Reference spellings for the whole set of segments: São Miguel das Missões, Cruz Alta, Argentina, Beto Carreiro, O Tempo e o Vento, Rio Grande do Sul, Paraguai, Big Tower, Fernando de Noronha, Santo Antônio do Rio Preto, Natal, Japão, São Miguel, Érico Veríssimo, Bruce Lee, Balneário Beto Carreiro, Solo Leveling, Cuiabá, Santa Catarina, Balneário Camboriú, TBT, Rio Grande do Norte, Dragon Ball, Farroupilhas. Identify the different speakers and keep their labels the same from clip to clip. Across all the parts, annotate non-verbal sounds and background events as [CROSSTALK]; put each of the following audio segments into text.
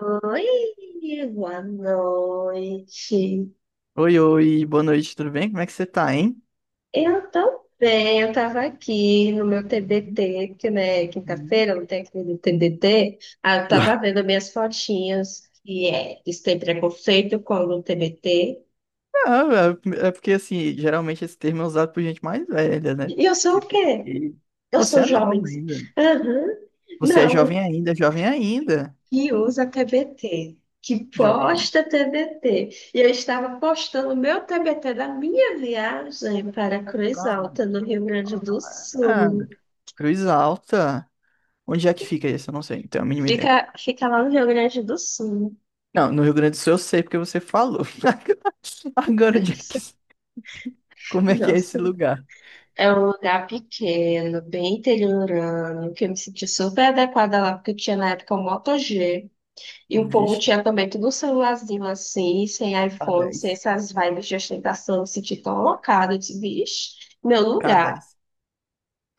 Speaker 1: Oi, boa noite.
Speaker 2: Oi, oi, boa noite, tudo bem? Como é que você tá, hein?
Speaker 1: Eu tô bem, eu tava aqui no meu
Speaker 2: Uhum,
Speaker 1: TBT, porque né,
Speaker 2: uhum.
Speaker 1: quinta-feira eu não tem aquele TBT. Ah, eu tava vendo minhas fotinhas, que é, eles têm preconceito com o TBT.
Speaker 2: Ah, é porque, assim, geralmente esse termo é usado por gente mais velha, né?
Speaker 1: E eu sou o quê?
Speaker 2: TBT.
Speaker 1: Eu
Speaker 2: Você
Speaker 1: sou
Speaker 2: é
Speaker 1: jovem.
Speaker 2: nova ainda.
Speaker 1: Aham.
Speaker 2: Você é
Speaker 1: Não,
Speaker 2: jovem ainda, jovem ainda.
Speaker 1: que usa TBT, que
Speaker 2: Jovem ainda.
Speaker 1: posta TBT. E eu estava postando o meu TBT da minha viagem para Cruz Alta,
Speaker 2: Pronto.
Speaker 1: no Rio Grande do
Speaker 2: Ah,
Speaker 1: Sul.
Speaker 2: Cruz Alta. Onde é que fica isso? Eu não sei, não tenho a mínima ideia.
Speaker 1: Fica lá no Rio Grande do Sul.
Speaker 2: Não, no Rio Grande do Sul eu sei porque você falou. [LAUGHS] Agora, onde é que... Como é que é esse
Speaker 1: Nossa,
Speaker 2: lugar?
Speaker 1: é um lugar pequeno, bem interiorano, que eu me senti super adequada lá, porque eu tinha na época o Moto G, e o povo
Speaker 2: Vixe,
Speaker 1: tinha também tudo um celularzinho assim, sem
Speaker 2: k
Speaker 1: iPhone,
Speaker 2: dez,
Speaker 1: sem essas vibes de ostentação, eu me senti tão alocada, eu disse, vixe, meu
Speaker 2: k
Speaker 1: lugar.
Speaker 2: dez.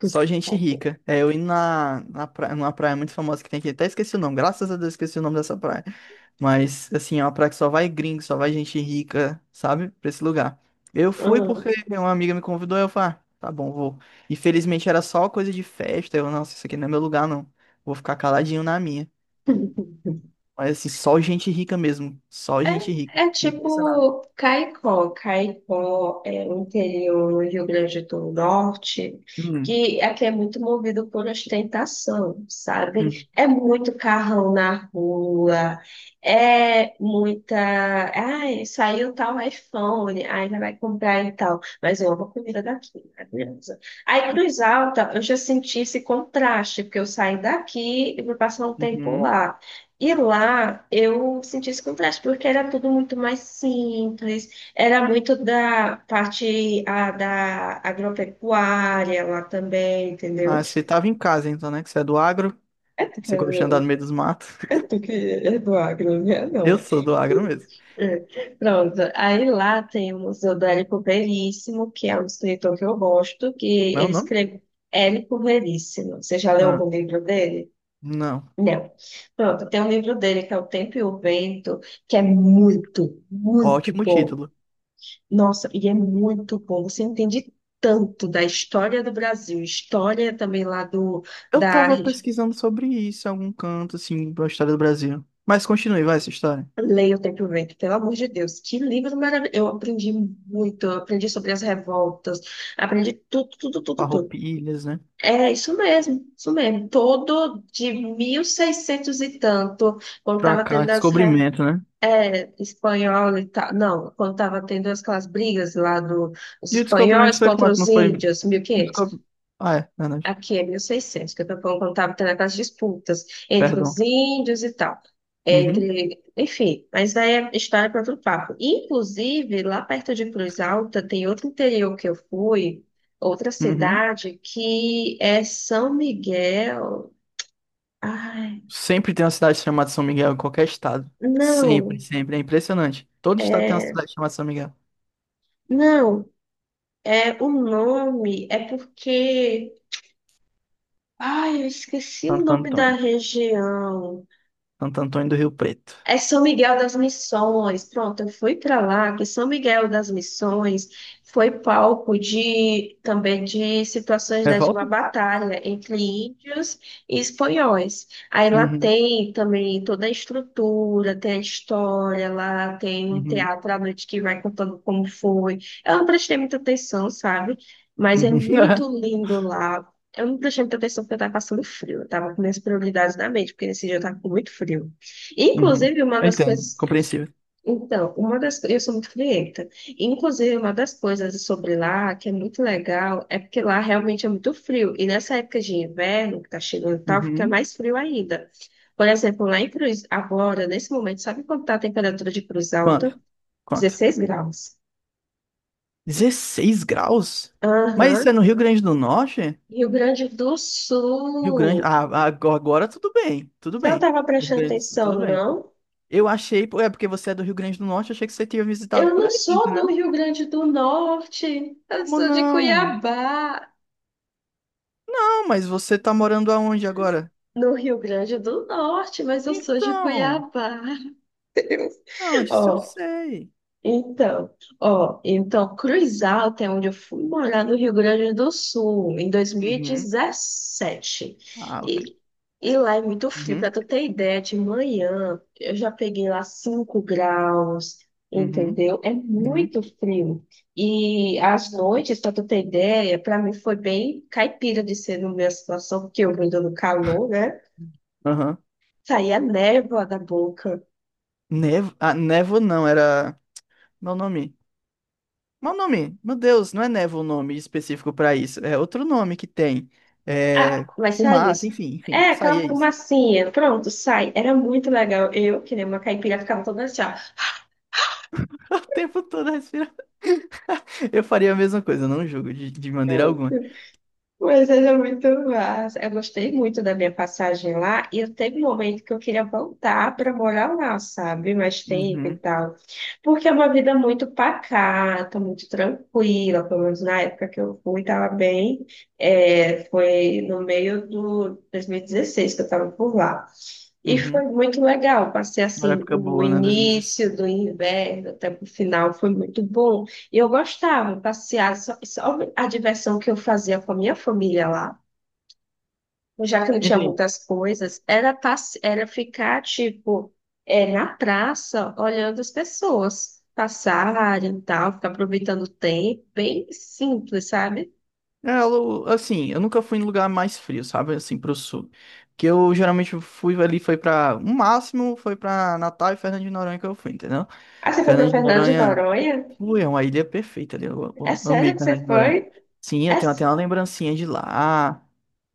Speaker 2: Só gente rica. É, eu indo na praia, numa praia muito famosa que tem aqui. Até esqueci o nome. Graças a Deus esqueci o nome dessa praia. Mas, assim, é uma praia que só vai gringo, só vai gente rica, sabe? Pra esse lugar. Eu fui
Speaker 1: Aham.
Speaker 2: porque uma amiga me convidou, eu falei, ah, tá bom, vou. Infelizmente era só coisa de festa. Eu, nossa, isso aqui não é meu lugar, não. Vou ficar caladinho na minha. Mas, assim, só gente rica mesmo. Só gente rica.
Speaker 1: É
Speaker 2: Fiquei impressionado.
Speaker 1: tipo Caicó. Caicó é o interior do Rio Grande do Norte,
Speaker 2: Hum,
Speaker 1: que aqui é muito movido por ostentação, sabe?
Speaker 2: hum,
Speaker 1: É muito carrão na rua, é muita. Ai, saiu tal iPhone, ai, já vai comprar e tal. Mas eu amo a comida daqui, maravilhosa. Aí, Cruz Alta, eu já senti esse contraste, porque eu saí daqui e vou passar um tempo
Speaker 2: uhum.
Speaker 1: lá. E lá eu senti esse contraste, porque era tudo muito mais simples, era muito da parte da agropecuária lá também, entendeu?
Speaker 2: Ah, você tava em casa, então, né? Que você é do agro.
Speaker 1: É tu que
Speaker 2: Você gosta de andar no meio
Speaker 1: é,
Speaker 2: dos matos.
Speaker 1: é tu que é do agro, né?
Speaker 2: Eu
Speaker 1: Não.
Speaker 2: sou do agro mesmo.
Speaker 1: É. Pronto, aí lá tem o Museu do Érico Veríssimo, que é um escritor que eu gosto, que
Speaker 2: Como é o
Speaker 1: ele
Speaker 2: nome?
Speaker 1: escreveu Érico Veríssimo. Você já leu
Speaker 2: Ah,
Speaker 1: algum livro dele?
Speaker 2: não.
Speaker 1: Não. Pronto, tem um livro dele que é O Tempo e o Vento, que é muito, muito
Speaker 2: Ótimo
Speaker 1: bom.
Speaker 2: título.
Speaker 1: Nossa, e é muito bom. Você entende tanto da história do Brasil, história também lá do
Speaker 2: Eu
Speaker 1: da
Speaker 2: tava pesquisando sobre isso em algum canto, assim, da história do Brasil. Mas continue, vai, essa história.
Speaker 1: Leia O Tempo e o Vento, pelo amor de Deus, que livro maravilhoso. Eu aprendi muito, eu aprendi sobre as revoltas, aprendi tudo, tudo, tudo, tudo.
Speaker 2: Farroupilhas, né?
Speaker 1: É isso mesmo, isso mesmo. Todo de 1600 e tanto, quando
Speaker 2: Pra
Speaker 1: estava
Speaker 2: cá,
Speaker 1: tendo as revoltas.
Speaker 2: descobrimento, né?
Speaker 1: É, espanhol e tal. Não, quando estava tendo aquelas brigas lá dos
Speaker 2: E o
Speaker 1: espanhóis
Speaker 2: descobrimento foi
Speaker 1: contra
Speaker 2: quanto?
Speaker 1: os
Speaker 2: Não foi...
Speaker 1: índios, mil e
Speaker 2: E o
Speaker 1: quinhentos.
Speaker 2: Descob... Ah, é, verdade.
Speaker 1: Aqui é 1600 que eu tô falando quando estava tendo aquelas disputas entre
Speaker 2: Perdão.
Speaker 1: os índios e tal.
Speaker 2: Uhum,
Speaker 1: Enfim, mas daí é história para outro papo. Inclusive, lá perto de Cruz Alta, tem outro interior que eu fui, outra
Speaker 2: uhum.
Speaker 1: cidade, que é São Miguel. Ai,
Speaker 2: Sempre tem uma cidade chamada São Miguel em qualquer estado. Sempre,
Speaker 1: não,
Speaker 2: sempre. É impressionante. Todo estado tem uma
Speaker 1: é.
Speaker 2: cidade chamada São Miguel.
Speaker 1: Não, é, o nome é porque. Ai, eu esqueci o
Speaker 2: Santo
Speaker 1: nome da
Speaker 2: Antônio.
Speaker 1: região.
Speaker 2: Santo Antônio do Rio Preto.
Speaker 1: É São Miguel das Missões. Pronto, eu fui para lá, que São Miguel das Missões foi palco de também de situações de uma
Speaker 2: Revolta?
Speaker 1: batalha entre índios e espanhóis. Aí lá
Speaker 2: Uhum.
Speaker 1: tem também toda a estrutura, tem a história, lá tem um
Speaker 2: Uhum.
Speaker 1: teatro à noite que vai contando como foi. Eu não prestei muita atenção, sabe? Mas é
Speaker 2: Uhum.
Speaker 1: muito
Speaker 2: [LAUGHS]
Speaker 1: lindo lá. Eu não prestei muita atenção porque eu estava passando frio. Eu estava com minhas prioridades na mente, porque nesse dia eu estava com muito frio.
Speaker 2: Uhum.
Speaker 1: Inclusive, uma
Speaker 2: Eu
Speaker 1: das
Speaker 2: entendo,
Speaker 1: coisas.
Speaker 2: compreensível.
Speaker 1: Então, uma das coisas. Eu sou muito frienta. Inclusive, uma das coisas sobre lá que é muito legal é porque lá realmente é muito frio. E nessa época de inverno, que tá chegando e tal, fica
Speaker 2: Uhum.
Speaker 1: mais frio ainda. Por exemplo, lá em Cruz, agora, nesse momento, sabe quanto tá a temperatura de Cruz Alta?
Speaker 2: Quanto? Quanto?
Speaker 1: 16 graus.
Speaker 2: 16 graus? Mas
Speaker 1: Aham.
Speaker 2: isso é no Rio Grande do Norte?
Speaker 1: Rio Grande do
Speaker 2: Rio Grande.
Speaker 1: Sul.
Speaker 2: Ah, ah, agora tudo bem, tudo
Speaker 1: Você não
Speaker 2: bem.
Speaker 1: estava
Speaker 2: Do Rio
Speaker 1: prestando
Speaker 2: Grande do Sul, tudo
Speaker 1: atenção,
Speaker 2: bem.
Speaker 1: não?
Speaker 2: Eu achei, pô, é porque você é do Rio Grande do Norte, eu achei que você tinha visitado
Speaker 1: Eu
Speaker 2: por
Speaker 1: não
Speaker 2: aí,
Speaker 1: sou do
Speaker 2: entendeu?
Speaker 1: Rio Grande do Norte, eu
Speaker 2: Como
Speaker 1: sou de
Speaker 2: não?
Speaker 1: Cuiabá.
Speaker 2: Não, mas você tá morando aonde agora?
Speaker 1: No Rio Grande do Norte, mas eu sou de
Speaker 2: Então,
Speaker 1: Cuiabá.
Speaker 2: não, disso eu
Speaker 1: Ó,
Speaker 2: sei.
Speaker 1: então, ó, então, Cruz Alta é onde eu fui morar no Rio Grande do Sul, em
Speaker 2: Uhum.
Speaker 1: 2017.
Speaker 2: Ah,
Speaker 1: E,
Speaker 2: ok.
Speaker 1: dezessete. E lá é muito frio, pra
Speaker 2: Uhum.
Speaker 1: tu ter ideia, de manhã eu já peguei lá 5 graus,
Speaker 2: Uhum.
Speaker 1: entendeu? É
Speaker 2: Uhum.
Speaker 1: muito frio. E às noites, pra tu ter ideia, pra mim foi bem caipira de ser na minha situação, porque eu vindo no calor, né?
Speaker 2: Aham.
Speaker 1: Saía névoa da boca.
Speaker 2: Nevo, ah, névoa não, era. Meu nome. Meu nome. Meu Deus, não é névoa o nome específico pra isso. É outro nome que tem.
Speaker 1: Ah,
Speaker 2: É.
Speaker 1: mas saía
Speaker 2: Fumaça,
Speaker 1: isso.
Speaker 2: enfim, enfim.
Speaker 1: É,
Speaker 2: Isso aí
Speaker 1: aquela
Speaker 2: é isso.
Speaker 1: fumacinha. Pronto, sai. Era muito legal. Eu, que nem uma caipira, ficava toda assim, ó.
Speaker 2: [LAUGHS] O tempo todo respirando. Eu faria a mesma coisa, eu não julgo de maneira alguma.
Speaker 1: Mas era muito massa. Eu gostei muito da minha passagem lá. E eu teve um momento que eu queria voltar para morar lá, sabe? Mais tempo e
Speaker 2: Uhum,
Speaker 1: tal. Porque é uma vida muito pacata, muito tranquila. Pelo menos na época que eu fui, estava bem. É, foi no meio do 2016 que eu estava por lá. E foi
Speaker 2: uhum.
Speaker 1: muito legal. Passei
Speaker 2: Uma
Speaker 1: assim
Speaker 2: época
Speaker 1: o
Speaker 2: boa, né? 2016.
Speaker 1: início do inverno até o final, foi muito bom. E eu gostava de passear, só a diversão que eu fazia com a minha família lá, já que não tinha
Speaker 2: Entendi.
Speaker 1: muitas coisas, era, era ficar tipo é, na praça olhando as pessoas passarem e tal, ficar aproveitando o tempo, bem simples, sabe?
Speaker 2: É, eu- assim, eu nunca fui em lugar mais frio, sabe? Assim, pro sul. Que eu geralmente fui ali, foi pra. O máximo foi pra Natal e Fernando de Noronha que eu fui, entendeu?
Speaker 1: Ah, você foi para
Speaker 2: Fernando de
Speaker 1: Fernando de
Speaker 2: Noronha.
Speaker 1: Noronha?
Speaker 2: Ui, é uma ilha perfeita ali. Eu,
Speaker 1: É
Speaker 2: eu amei
Speaker 1: sério que
Speaker 2: Fernando
Speaker 1: você
Speaker 2: de Noronha.
Speaker 1: foi?
Speaker 2: Sim,
Speaker 1: É...
Speaker 2: eu tenho
Speaker 1: s-
Speaker 2: até uma lembrancinha de lá.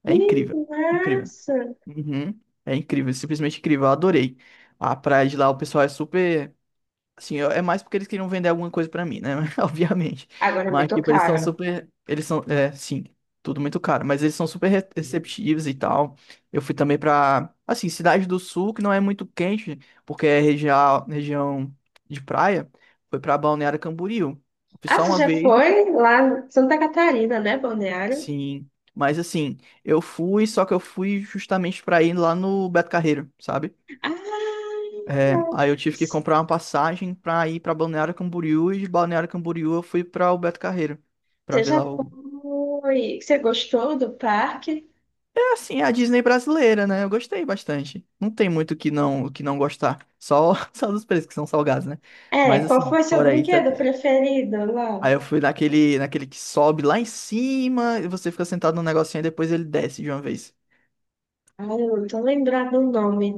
Speaker 2: É
Speaker 1: Que
Speaker 2: incrível. Incrível.
Speaker 1: massa!
Speaker 2: Uhum. É incrível, simplesmente incrível. Eu adorei. A praia de lá, o pessoal é super. Assim, eu- é mais porque eles queriam vender alguma coisa pra mim, né? [LAUGHS] Obviamente.
Speaker 1: Agora me
Speaker 2: Mas, tipo, eles são
Speaker 1: tocaram.
Speaker 2: super. Eles são. É, sim, tudo muito caro. Mas eles são super receptivos e tal. Eu fui também pra. Assim, Cidade do Sul, que não é muito quente, porque é região, região de praia. Foi pra Balneário Camboriú. Fui
Speaker 1: Ah,
Speaker 2: só
Speaker 1: você
Speaker 2: uma
Speaker 1: já
Speaker 2: vez,
Speaker 1: foi lá em Santa Catarina, né, Balneário?
Speaker 2: sim. Mas, assim, eu fui, só que eu fui justamente pra ir lá no Beto Carreiro, sabe?
Speaker 1: Ah,
Speaker 2: É, aí eu tive que
Speaker 1: você
Speaker 2: comprar uma passagem pra ir pra Balneário Camboriú e de Balneário Camboriú eu fui pra Alberto Carreiro. Pra ver
Speaker 1: já
Speaker 2: lá o.
Speaker 1: foi. Você gostou do parque?
Speaker 2: É assim, é a Disney brasileira, né? Eu gostei bastante. Não tem muito o que não gostar, só [LAUGHS] só dos preços que são salgados, né?
Speaker 1: É,
Speaker 2: Mas
Speaker 1: qual
Speaker 2: assim,
Speaker 1: foi seu
Speaker 2: fora isso,
Speaker 1: brinquedo
Speaker 2: é-
Speaker 1: preferido
Speaker 2: aí
Speaker 1: lá?
Speaker 2: eu fui naquele que sobe lá em cima e você fica sentado num negocinho e depois ele desce de uma vez.
Speaker 1: Ah, eu não tô lembrando o nome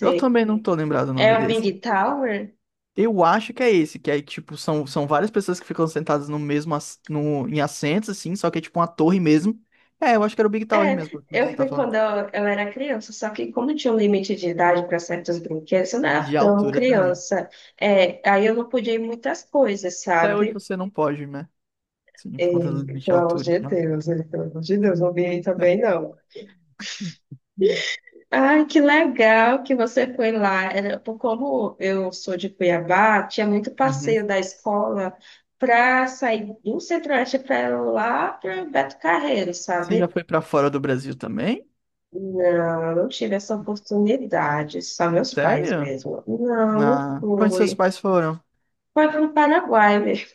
Speaker 2: Eu também não tô lembrado o
Speaker 1: É
Speaker 2: nome
Speaker 1: o
Speaker 2: desse.
Speaker 1: Big Tower?
Speaker 2: Eu acho que é esse, que aí, tipo, são várias pessoas que ficam sentadas no mesmo, ass- no, em assentos, assim, só que é tipo uma torre mesmo. É, eu acho que era o Big Tower
Speaker 1: É,
Speaker 2: mesmo, que você
Speaker 1: eu
Speaker 2: tá
Speaker 1: fui
Speaker 2: falando.
Speaker 1: quando eu era criança, só que como tinha um limite de idade para certos brinquedos, eu não era
Speaker 2: De
Speaker 1: tão
Speaker 2: altura também.
Speaker 1: criança. É, aí eu não podia ir em muitas coisas,
Speaker 2: Até hoje
Speaker 1: sabe?
Speaker 2: você não pode, né? Sim, por conta do
Speaker 1: E
Speaker 2: limite de
Speaker 1: pelo amor
Speaker 2: altura e
Speaker 1: de
Speaker 2: tal.
Speaker 1: Deus, não vi aí também não.
Speaker 2: [LAUGHS]
Speaker 1: Ai, que legal que você foi lá. Como eu sou de Cuiabá, tinha muito
Speaker 2: Uhum.
Speaker 1: passeio da escola para sair do Centro-Oeste para lá para Beto Carreiro,
Speaker 2: Você já
Speaker 1: sabe?
Speaker 2: foi pra fora do Brasil também?
Speaker 1: Não, eu não tive essa oportunidade, só meus pais
Speaker 2: Sério?
Speaker 1: mesmo. Não, não
Speaker 2: Ah, pra onde seus
Speaker 1: fui.
Speaker 2: pais foram?
Speaker 1: Foi para o Paraguai mesmo.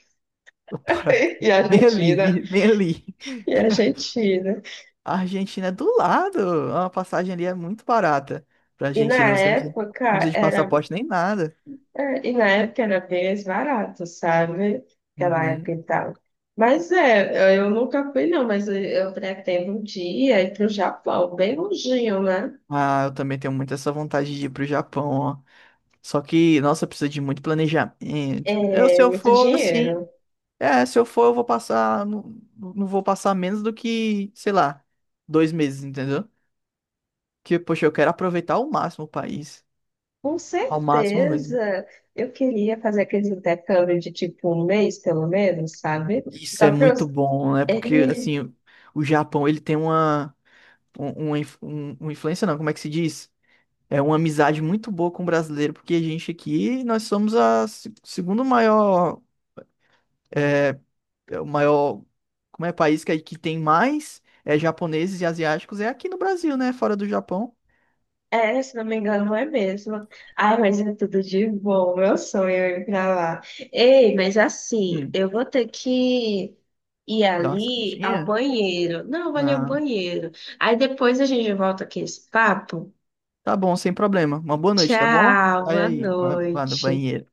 Speaker 2: [LAUGHS] Para...
Speaker 1: [LAUGHS] E
Speaker 2: Bem ali,
Speaker 1: Argentina,
Speaker 2: bem ali.
Speaker 1: e Argentina.
Speaker 2: A Argentina é do lado. Uma passagem ali é muito barata pra
Speaker 1: E na
Speaker 2: Argentina. Você não precisa
Speaker 1: época
Speaker 2: não precisa de
Speaker 1: era
Speaker 2: passaporte nem nada.
Speaker 1: e na época era bem mais barato, sabe? Aquela
Speaker 2: Uhum.
Speaker 1: época e tal. Mas é, eu nunca fui, não, mas eu pretendo um dia ir para o Japão, bem longinho, né?
Speaker 2: Ah, eu também tenho muito essa vontade de ir pro Japão, ó. Só que, nossa, precisa de muito planejamento. Eu, se
Speaker 1: É
Speaker 2: eu
Speaker 1: muito
Speaker 2: for, assim.
Speaker 1: dinheiro.
Speaker 2: É, se eu for, eu vou passar. Não, não vou passar menos do que, sei lá, 2 meses, entendeu? Que, poxa, eu quero aproveitar ao máximo o país.
Speaker 1: Com
Speaker 2: Ao máximo mesmo.
Speaker 1: certeza, eu queria fazer aquele intercâmbio de tipo um mês, pelo menos, sabe?
Speaker 2: Isso
Speaker 1: Só
Speaker 2: é
Speaker 1: para eu,
Speaker 2: muito bom, né? Porque,
Speaker 1: é,
Speaker 2: assim, o Japão, ele tem uma. Um, uma influência não, como é que se diz? É uma amizade muito boa com o brasileiro, porque a gente aqui, nós somos a segundo maior, é o maior, como é, país que tem mais é, japoneses e asiáticos, é aqui no Brasil, né? Fora do Japão.
Speaker 1: É, se não me engano, não é mesmo. Ai, mas é tudo de bom. Meu sonho é ir pra lá. Ei, mas assim,
Speaker 2: Hum,
Speaker 1: eu vou ter que ir
Speaker 2: dá uma
Speaker 1: ali ao
Speaker 2: saidinha.
Speaker 1: banheiro. Não, eu vou ali ao
Speaker 2: Ah,
Speaker 1: banheiro. Aí depois a gente volta aqui esse papo.
Speaker 2: tá bom, sem problema. Uma boa noite, tá bom?
Speaker 1: Tchau,
Speaker 2: Vai
Speaker 1: boa
Speaker 2: aí, vai, vai no
Speaker 1: noite.
Speaker 2: banheiro.